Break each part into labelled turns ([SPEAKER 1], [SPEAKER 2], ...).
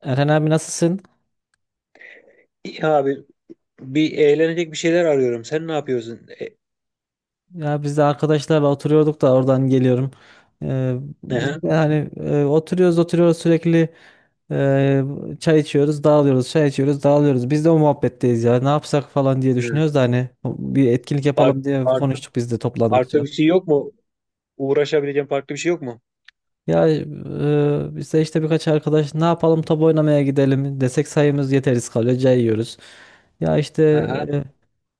[SPEAKER 1] Erhan abi nasılsın?
[SPEAKER 2] İyi abi, bir eğlenecek bir şeyler arıyorum. Sen ne yapıyorsun?
[SPEAKER 1] Ya biz de arkadaşlarla oturuyorduk da oradan geliyorum. Ee,
[SPEAKER 2] Ehe.
[SPEAKER 1] biz de hani oturuyoruz oturuyoruz sürekli e, çay içiyoruz, dağılıyoruz, çay içiyoruz, dağılıyoruz. Biz de o muhabbetteyiz ya. Ne yapsak falan diye
[SPEAKER 2] Hı.
[SPEAKER 1] düşünüyoruz da hani bir etkinlik yapalım diye
[SPEAKER 2] Farklı,
[SPEAKER 1] konuştuk biz de
[SPEAKER 2] farklı
[SPEAKER 1] toplandıkça.
[SPEAKER 2] bir şey yok mu? Uğraşabileceğim farklı bir şey yok mu?
[SPEAKER 1] Ya biz de işte birkaç arkadaş ne yapalım top oynamaya gidelim desek sayımız yeteriz kalıyor cayıyoruz. Ya işte
[SPEAKER 2] Aha.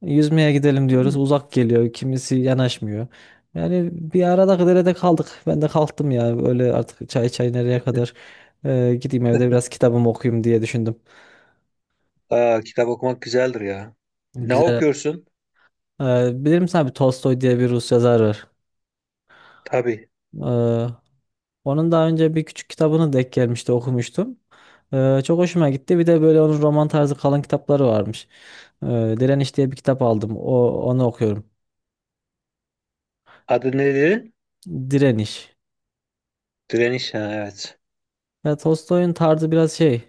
[SPEAKER 1] yüzmeye gidelim diyoruz
[SPEAKER 2] Hı.
[SPEAKER 1] uzak geliyor kimisi yanaşmıyor. Yani bir arada derede kaldık ben de kalktım ya öyle artık çay çay nereye kadar. Gideyim evde biraz kitabımı okuyayım diye düşündüm.
[SPEAKER 2] Aa, kitap okumak güzeldir ya. Ne
[SPEAKER 1] Güzel.
[SPEAKER 2] okuyorsun?
[SPEAKER 1] Bilir misin abi, Tolstoy diye bir Rus yazar var.
[SPEAKER 2] Tabii.
[SPEAKER 1] E, Onun daha önce bir küçük kitabını denk gelmişti, okumuştum. Çok hoşuma gitti. Bir de böyle onun roman tarzı kalın kitapları varmış. Ee, Direniş diye bir kitap aldım. Onu okuyorum.
[SPEAKER 2] Adı ne dedin?
[SPEAKER 1] Direniş.
[SPEAKER 2] Direniş. Ha, evet.
[SPEAKER 1] Ya, Tolstoy'un tarzı biraz şey.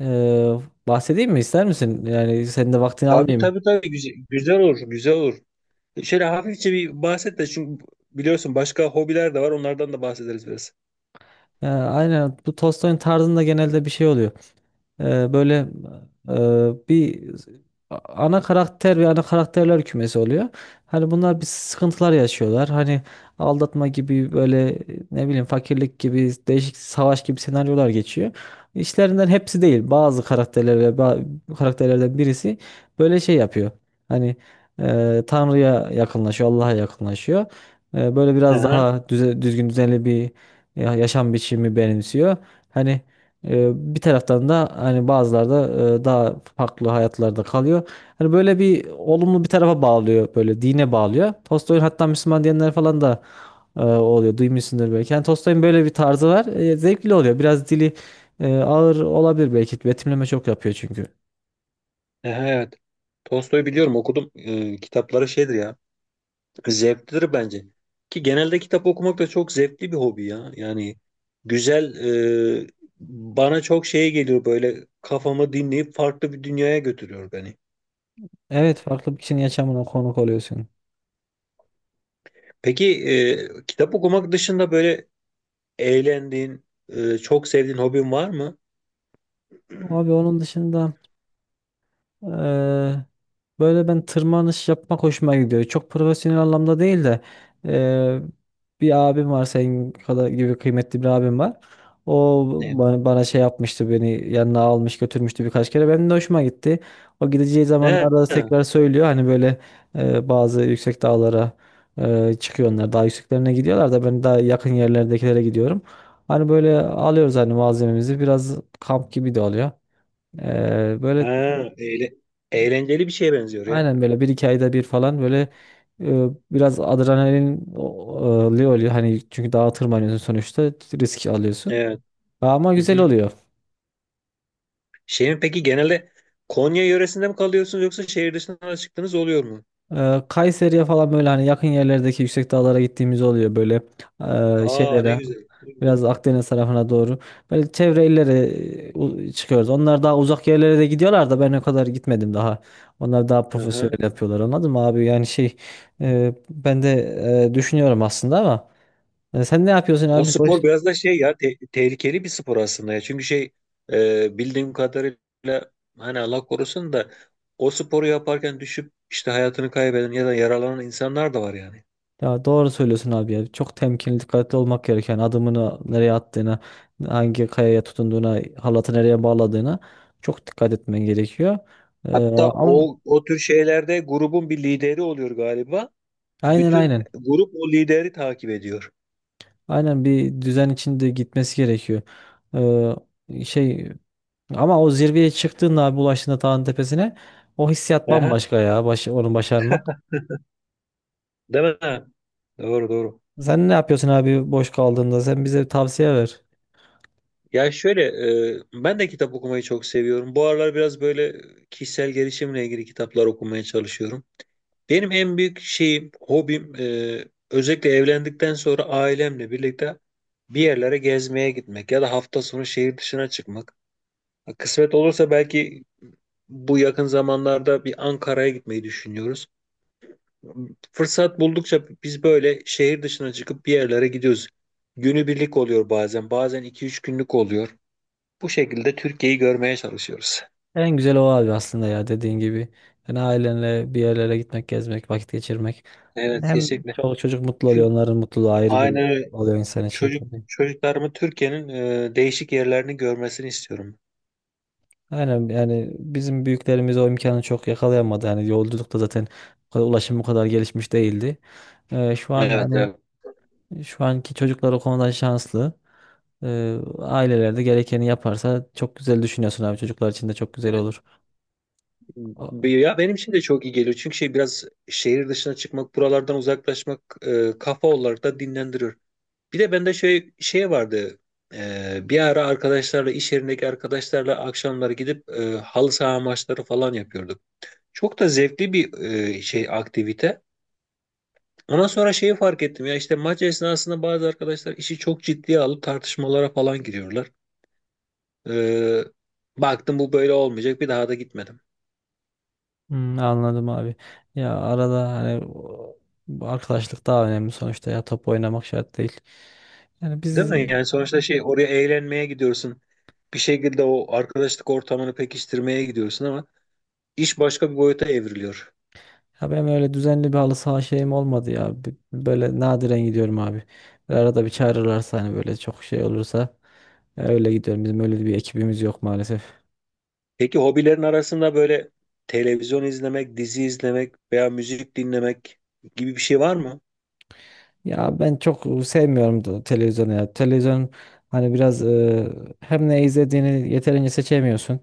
[SPEAKER 1] ee, bahsedeyim mi ister misin? Yani senin de vaktini
[SPEAKER 2] Tabii,
[SPEAKER 1] almayayım.
[SPEAKER 2] tabii, tabii. Güzel, güzel olur. Güzel olur. Şöyle hafifçe bir bahset de, çünkü biliyorsun başka hobiler de var. Onlardan da bahsederiz biraz.
[SPEAKER 1] Ya, aynen, bu Tolstoy'un tarzında genelde bir şey oluyor. Böyle bir ana karakter ve ana karakterler kümesi oluyor. Hani bunlar bir sıkıntılar yaşıyorlar. Hani aldatma gibi böyle, ne bileyim, fakirlik gibi, değişik, savaş gibi senaryolar geçiyor. İşlerinden hepsi değil. Bazı karakterler ve karakterlerden birisi böyle şey yapıyor. Hani Tanrı'ya yakınlaşıyor, Allah'a yakınlaşıyor. Böyle biraz
[SPEAKER 2] Aha.
[SPEAKER 1] daha düzgün, düzenli bir yaşam biçimi benimsiyor. Hani bir taraftan da hani bazıları da daha farklı hayatlarda kalıyor. Hani böyle bir olumlu bir tarafa bağlıyor, böyle dine bağlıyor. Tolstoy'un hatta Müslüman diyenler falan da oluyor. Duymuşsundur belki. Yani Tolstoy'un böyle bir tarzı var. Zevkli oluyor. Biraz dili ağır olabilir belki. Betimleme çok yapıyor çünkü.
[SPEAKER 2] Aha, evet. Tolstoy'u biliyorum, okudum. Kitapları şeydir ya. Zevklidir bence. Ki genelde kitap okumak da çok zevkli bir hobi ya. Yani güzel, e, bana çok şeye geliyor, böyle kafamı dinleyip farklı bir dünyaya götürüyor beni.
[SPEAKER 1] Evet, farklı bir kişinin yaşamına konuk oluyorsun.
[SPEAKER 2] Peki, kitap okumak dışında böyle eğlendiğin, çok sevdiğin hobin var mı?
[SPEAKER 1] Abi, onun dışında Eee, böyle ben tırmanış yapmak hoşuma gidiyor. Çok profesyonel anlamda değil de eee, bir abim var, senin kadar gibi kıymetli bir abim var. O
[SPEAKER 2] Ne?
[SPEAKER 1] bana şey yapmıştı, beni yanına almış götürmüştü birkaç kere. Benim de hoşuma gitti. O gideceği
[SPEAKER 2] Ha,
[SPEAKER 1] zamanlarda da
[SPEAKER 2] ha,
[SPEAKER 1] tekrar söylüyor. Hani böyle bazı yüksek dağlara çıkıyor onlar. Daha yükseklerine gidiyorlar da ben daha yakın yerlerdekilere gidiyorum. Hani böyle alıyoruz hani malzememizi. Biraz kamp gibi de oluyor. Böyle
[SPEAKER 2] eğle- eğlenceli bir şeye benziyor ya.
[SPEAKER 1] aynen, böyle bir iki ayda bir falan, böyle biraz adrenalin oluyor. Hani çünkü dağa tırmanıyorsun sonuçta, risk alıyorsun.
[SPEAKER 2] Evet.
[SPEAKER 1] Ama
[SPEAKER 2] Hı
[SPEAKER 1] güzel
[SPEAKER 2] hı.
[SPEAKER 1] oluyor.
[SPEAKER 2] Şeyin peki genelde Konya yöresinde mi kalıyorsunuz, yoksa şehir dışına çıktığınız oluyor mu?
[SPEAKER 1] Kayseri'ye falan, böyle hani yakın yerlerdeki yüksek dağlara gittiğimiz oluyor. Böyle
[SPEAKER 2] Aa, ne
[SPEAKER 1] şeylere,
[SPEAKER 2] güzel. Ne güzel.
[SPEAKER 1] biraz Akdeniz tarafına doğru, böyle çevre illere çıkıyoruz. Onlar daha uzak yerlere de gidiyorlar da ben o kadar gitmedim daha. Onlar daha
[SPEAKER 2] Hı hı.
[SPEAKER 1] profesyonel yapıyorlar, anladın mı abi? Yani şey, ben de düşünüyorum aslında ama. Ya sen ne yapıyorsun
[SPEAKER 2] O
[SPEAKER 1] abi? Boş.
[SPEAKER 2] spor biraz da şey ya, tehlikeli bir spor aslında ya. Çünkü şey, bildiğim kadarıyla hani Allah korusun da o sporu yaparken düşüp işte hayatını kaybeden ya da yaralanan insanlar da var yani.
[SPEAKER 1] Ya doğru söylüyorsun abi ya. Çok temkinli, dikkatli olmak gereken; adımını nereye attığına, hangi kayaya tutunduğuna, halatı nereye bağladığına çok dikkat etmen gerekiyor. Ee,
[SPEAKER 2] Hatta
[SPEAKER 1] ama
[SPEAKER 2] o, o tür şeylerde grubun bir lideri oluyor galiba.
[SPEAKER 1] aynen,
[SPEAKER 2] Bütün
[SPEAKER 1] aynen.
[SPEAKER 2] grup o lideri takip ediyor.
[SPEAKER 1] Aynen, bir düzen içinde gitmesi gerekiyor. Şey, ama o zirveye çıktığında abi, ulaştığında dağın tepesine, o hissiyat
[SPEAKER 2] Aha,
[SPEAKER 1] bambaşka ya. Onu başarmak.
[SPEAKER 2] değil mi? Ha, doğru doğru.
[SPEAKER 1] Sen ne yapıyorsun abi boş kaldığında? Sen bize tavsiye ver.
[SPEAKER 2] Ya şöyle, ben de kitap okumayı çok seviyorum. Bu aralar biraz böyle kişisel gelişimle ilgili kitaplar okumaya çalışıyorum. Benim en büyük şeyim, hobim, özellikle evlendikten sonra ailemle birlikte bir yerlere gezmeye gitmek ya da hafta sonu şehir dışına çıkmak. Kısmet olursa belki bu yakın zamanlarda bir Ankara'ya gitmeyi düşünüyoruz. Fırsat buldukça biz böyle şehir dışına çıkıp bir yerlere gidiyoruz. Günübirlik oluyor bazen, bazen iki üç günlük oluyor. Bu şekilde Türkiye'yi görmeye çalışıyoruz.
[SPEAKER 1] En güzel o abi, aslında ya, dediğin gibi. Yani ailenle bir yerlere gitmek, gezmek, vakit geçirmek. Yani
[SPEAKER 2] Evet,
[SPEAKER 1] hem
[SPEAKER 2] kesinlikle.
[SPEAKER 1] çoluk çocuk mutlu oluyor,
[SPEAKER 2] Çünkü
[SPEAKER 1] onların mutluluğu ayrı bir
[SPEAKER 2] aynen öyle.
[SPEAKER 1] oluyor insan için tabii.
[SPEAKER 2] Çocuklarımı Türkiye'nin, değişik yerlerini görmesini istiyorum.
[SPEAKER 1] Aynen, yani bizim büyüklerimiz o imkanı çok yakalayamadı. Yani yolculukta zaten ulaşım bu kadar gelişmiş değildi. Şu an
[SPEAKER 2] Evet,
[SPEAKER 1] hani,
[SPEAKER 2] evet.
[SPEAKER 1] şu anki çocuklar o konuda şanslı. Aileler de gerekeni yaparsa, çok güzel düşünüyorsun abi. Çocuklar için de çok güzel
[SPEAKER 2] Evet.
[SPEAKER 1] olur.
[SPEAKER 2] Ya benim için de çok iyi geliyor. Çünkü şey, biraz şehir dışına çıkmak, buralardan uzaklaşmak, kafa olarak da dinlendiriyor. Bir de bende şey vardı. Bir ara arkadaşlarla, iş yerindeki arkadaşlarla akşamları gidip, halı saha maçları falan yapıyorduk. Çok da zevkli bir, şey, aktivite. Ondan sonra şeyi fark ettim ya, işte maç esnasında bazı arkadaşlar işi çok ciddiye alıp tartışmalara falan giriyorlar. Ee, baktım bu böyle olmayacak, bir daha da gitmedim.
[SPEAKER 1] Hmm, anladım abi. Ya arada hani bu arkadaşlık daha önemli sonuçta ya, top oynamak şart değil. Yani
[SPEAKER 2] Değil mi? Yani sonuçta şey, oraya eğlenmeye gidiyorsun. Bir şekilde o arkadaşlık ortamını pekiştirmeye gidiyorsun, ama iş başka bir boyuta evriliyor.
[SPEAKER 1] ya, benim öyle düzenli bir halı saha şeyim olmadı ya. Böyle nadiren gidiyorum abi. Böyle arada bir çağırırlarsa, hani böyle çok şey olursa, ya öyle gidiyorum. Bizim öyle bir ekibimiz yok maalesef.
[SPEAKER 2] Peki hobilerin arasında böyle televizyon izlemek, dizi izlemek veya müzik dinlemek gibi bir şey var mı?
[SPEAKER 1] Ya ben çok sevmiyorum da televizyonu ya. Televizyon hani biraz hem ne izlediğini yeterince seçemiyorsun.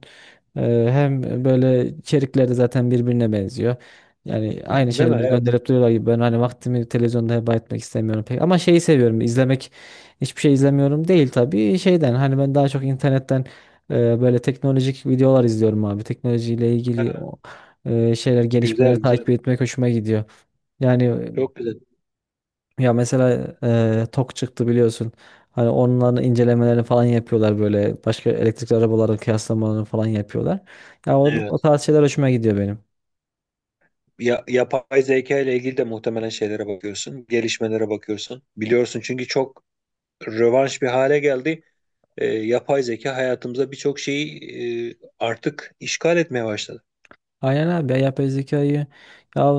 [SPEAKER 1] E, hem böyle içerikleri zaten birbirine benziyor. Yani aynı
[SPEAKER 2] Değil mi?
[SPEAKER 1] şeyleri
[SPEAKER 2] Evet.
[SPEAKER 1] gönderip duruyorlar gibi; ben hani vaktimi televizyonda heba etmek istemiyorum pek. Ama şeyi seviyorum izlemek, hiçbir şey izlemiyorum değil tabii, şeyden, hani ben daha çok internetten böyle teknolojik videolar izliyorum abi. Teknolojiyle ilgili
[SPEAKER 2] Ha,
[SPEAKER 1] şeyler,
[SPEAKER 2] güzel
[SPEAKER 1] gelişmeleri
[SPEAKER 2] güzel.
[SPEAKER 1] takip etmek hoşuma gidiyor. Yani
[SPEAKER 2] Çok güzel.
[SPEAKER 1] ya mesela TOK çıktı biliyorsun. Hani onların incelemelerini falan yapıyorlar böyle. Başka elektrikli arabaların kıyaslamalarını falan yapıyorlar. Ya o
[SPEAKER 2] Evet.
[SPEAKER 1] tarz şeyler hoşuma gidiyor benim.
[SPEAKER 2] Ya, yapay zeka ile ilgili de muhtemelen şeylere bakıyorsun, gelişmelere bakıyorsun. Biliyorsun, çünkü çok rövanş bir hale geldi. Yapay zeka hayatımıza birçok şeyi, artık işgal etmeye başladı.
[SPEAKER 1] Aynen abi, ya yapay zekayı, ya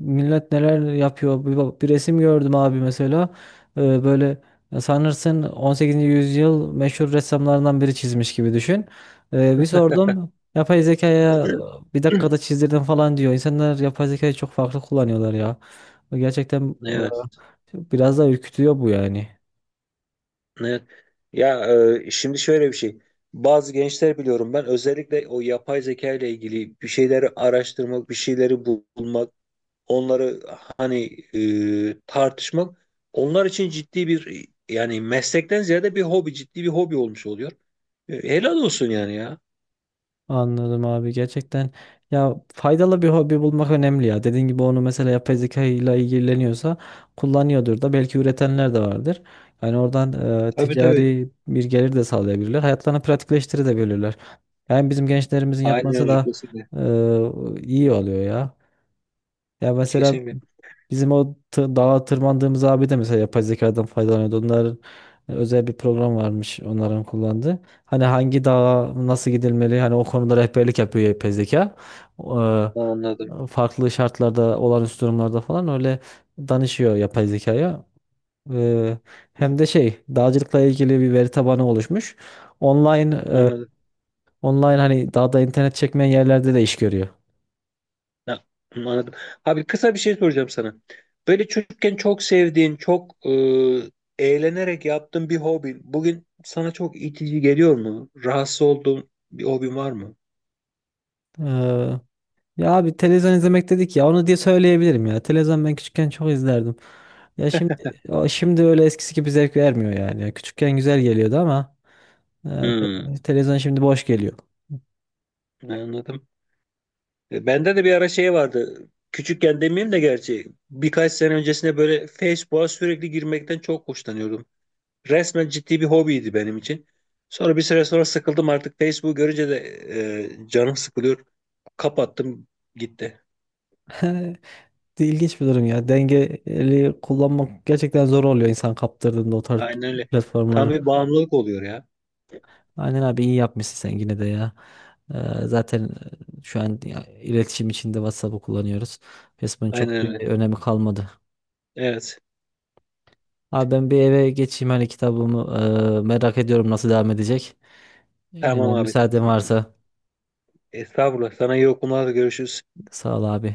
[SPEAKER 1] millet neler yapıyor, bir resim gördüm abi mesela. Böyle ya, sanırsın 18. yüzyıl meşhur ressamlarından biri çizmiş gibi, düşün. Bir sordum yapay zekaya, bir dakikada çizdirdim falan diyor. İnsanlar yapay zekayı çok farklı kullanıyorlar ya, gerçekten
[SPEAKER 2] Evet,
[SPEAKER 1] biraz da ürkütüyor bu, yani.
[SPEAKER 2] evet. Ya, şimdi şöyle bir şey. Bazı gençler biliyorum, ben özellikle o yapay zeka ile ilgili bir şeyleri araştırmak, bir şeyleri bulmak, onları hani, tartışmak onlar için ciddi bir, yani meslekten ziyade bir hobi, ciddi bir hobi olmuş oluyor. Helal olsun yani ya.
[SPEAKER 1] Anladım abi, gerçekten. Ya, faydalı bir hobi bulmak önemli ya. Dediğin gibi, onu mesela yapay zeka ile ilgileniyorsa kullanıyordur da belki, üretenler de vardır. Yani oradan
[SPEAKER 2] Tabii tabii.
[SPEAKER 1] ticari bir gelir de sağlayabilirler. Hayatlarını pratikleştirebilirler. Yani bizim gençlerimizin
[SPEAKER 2] Aynen
[SPEAKER 1] yapması
[SPEAKER 2] öyle,
[SPEAKER 1] da
[SPEAKER 2] kesinlikle.
[SPEAKER 1] iyi oluyor ya. Ya mesela
[SPEAKER 2] Kesinlikle.
[SPEAKER 1] bizim o dağa tırmandığımız abi de mesela, yapay zekadan faydalanıyordu. Onların özel bir program varmış, onların kullandığı. Hani hangi dağa nasıl gidilmeli, hani o konuda rehberlik yapıyor yapay zeka. Eee,
[SPEAKER 2] Anladım.
[SPEAKER 1] farklı şartlarda, olağanüstü durumlarda falan, öyle danışıyor yapay zekaya. Eee, hem de şey, dağcılıkla ilgili bir veri tabanı oluşmuş. Online e,
[SPEAKER 2] Anladım.
[SPEAKER 1] Online hani, daha da internet çekmeyen yerlerde de iş görüyor.
[SPEAKER 2] Ya, anladım. Abi kısa bir şey soracağım sana. Böyle çocukken çok sevdiğin, çok, eğlenerek yaptığın bir hobin bugün sana çok itici geliyor mu? Rahatsız olduğun bir hobin var mı?
[SPEAKER 1] Ee, ya abi, televizyon izlemek dedik ya, onu diye söyleyebilirim ya. Televizyon, ben küçükken çok izlerdim. Ya şimdi öyle eskisi gibi zevk vermiyor yani. Ya küçükken güzel geliyordu ama
[SPEAKER 2] Hmm,
[SPEAKER 1] televizyon şimdi boş geliyor.
[SPEAKER 2] anladım. Bende de bir ara şey vardı. Küçükken demeyeyim de, gerçi birkaç sene öncesine, böyle Facebook'a sürekli girmekten çok hoşlanıyordum. Resmen ciddi bir hobiydi benim için. Sonra bir süre sonra sıkıldım artık. Facebook görünce de, canım sıkılıyor. Kapattım, gitti.
[SPEAKER 1] İlginç bir durum ya. Dengeli kullanmak gerçekten zor oluyor, insan kaptırdığında o tarz
[SPEAKER 2] Aynen öyle. Tam
[SPEAKER 1] platformları.
[SPEAKER 2] bir bağımlılık oluyor ya.
[SPEAKER 1] Aynen abi, iyi yapmışsın sen yine de ya. Ee, zaten şu an ya, iletişim içinde WhatsApp'ı kullanıyoruz. Facebook'un
[SPEAKER 2] Aynen
[SPEAKER 1] çok bir
[SPEAKER 2] öyle.
[SPEAKER 1] önemi kalmadı.
[SPEAKER 2] Evet.
[SPEAKER 1] Abi ben bir eve geçeyim, hani kitabımı merak ediyorum nasıl devam edecek. E,
[SPEAKER 2] Tamam abi.
[SPEAKER 1] müsaaden varsa,
[SPEAKER 2] Estağfurullah. Sana iyi okumalar, görüşürüz.
[SPEAKER 1] sağ ol abi.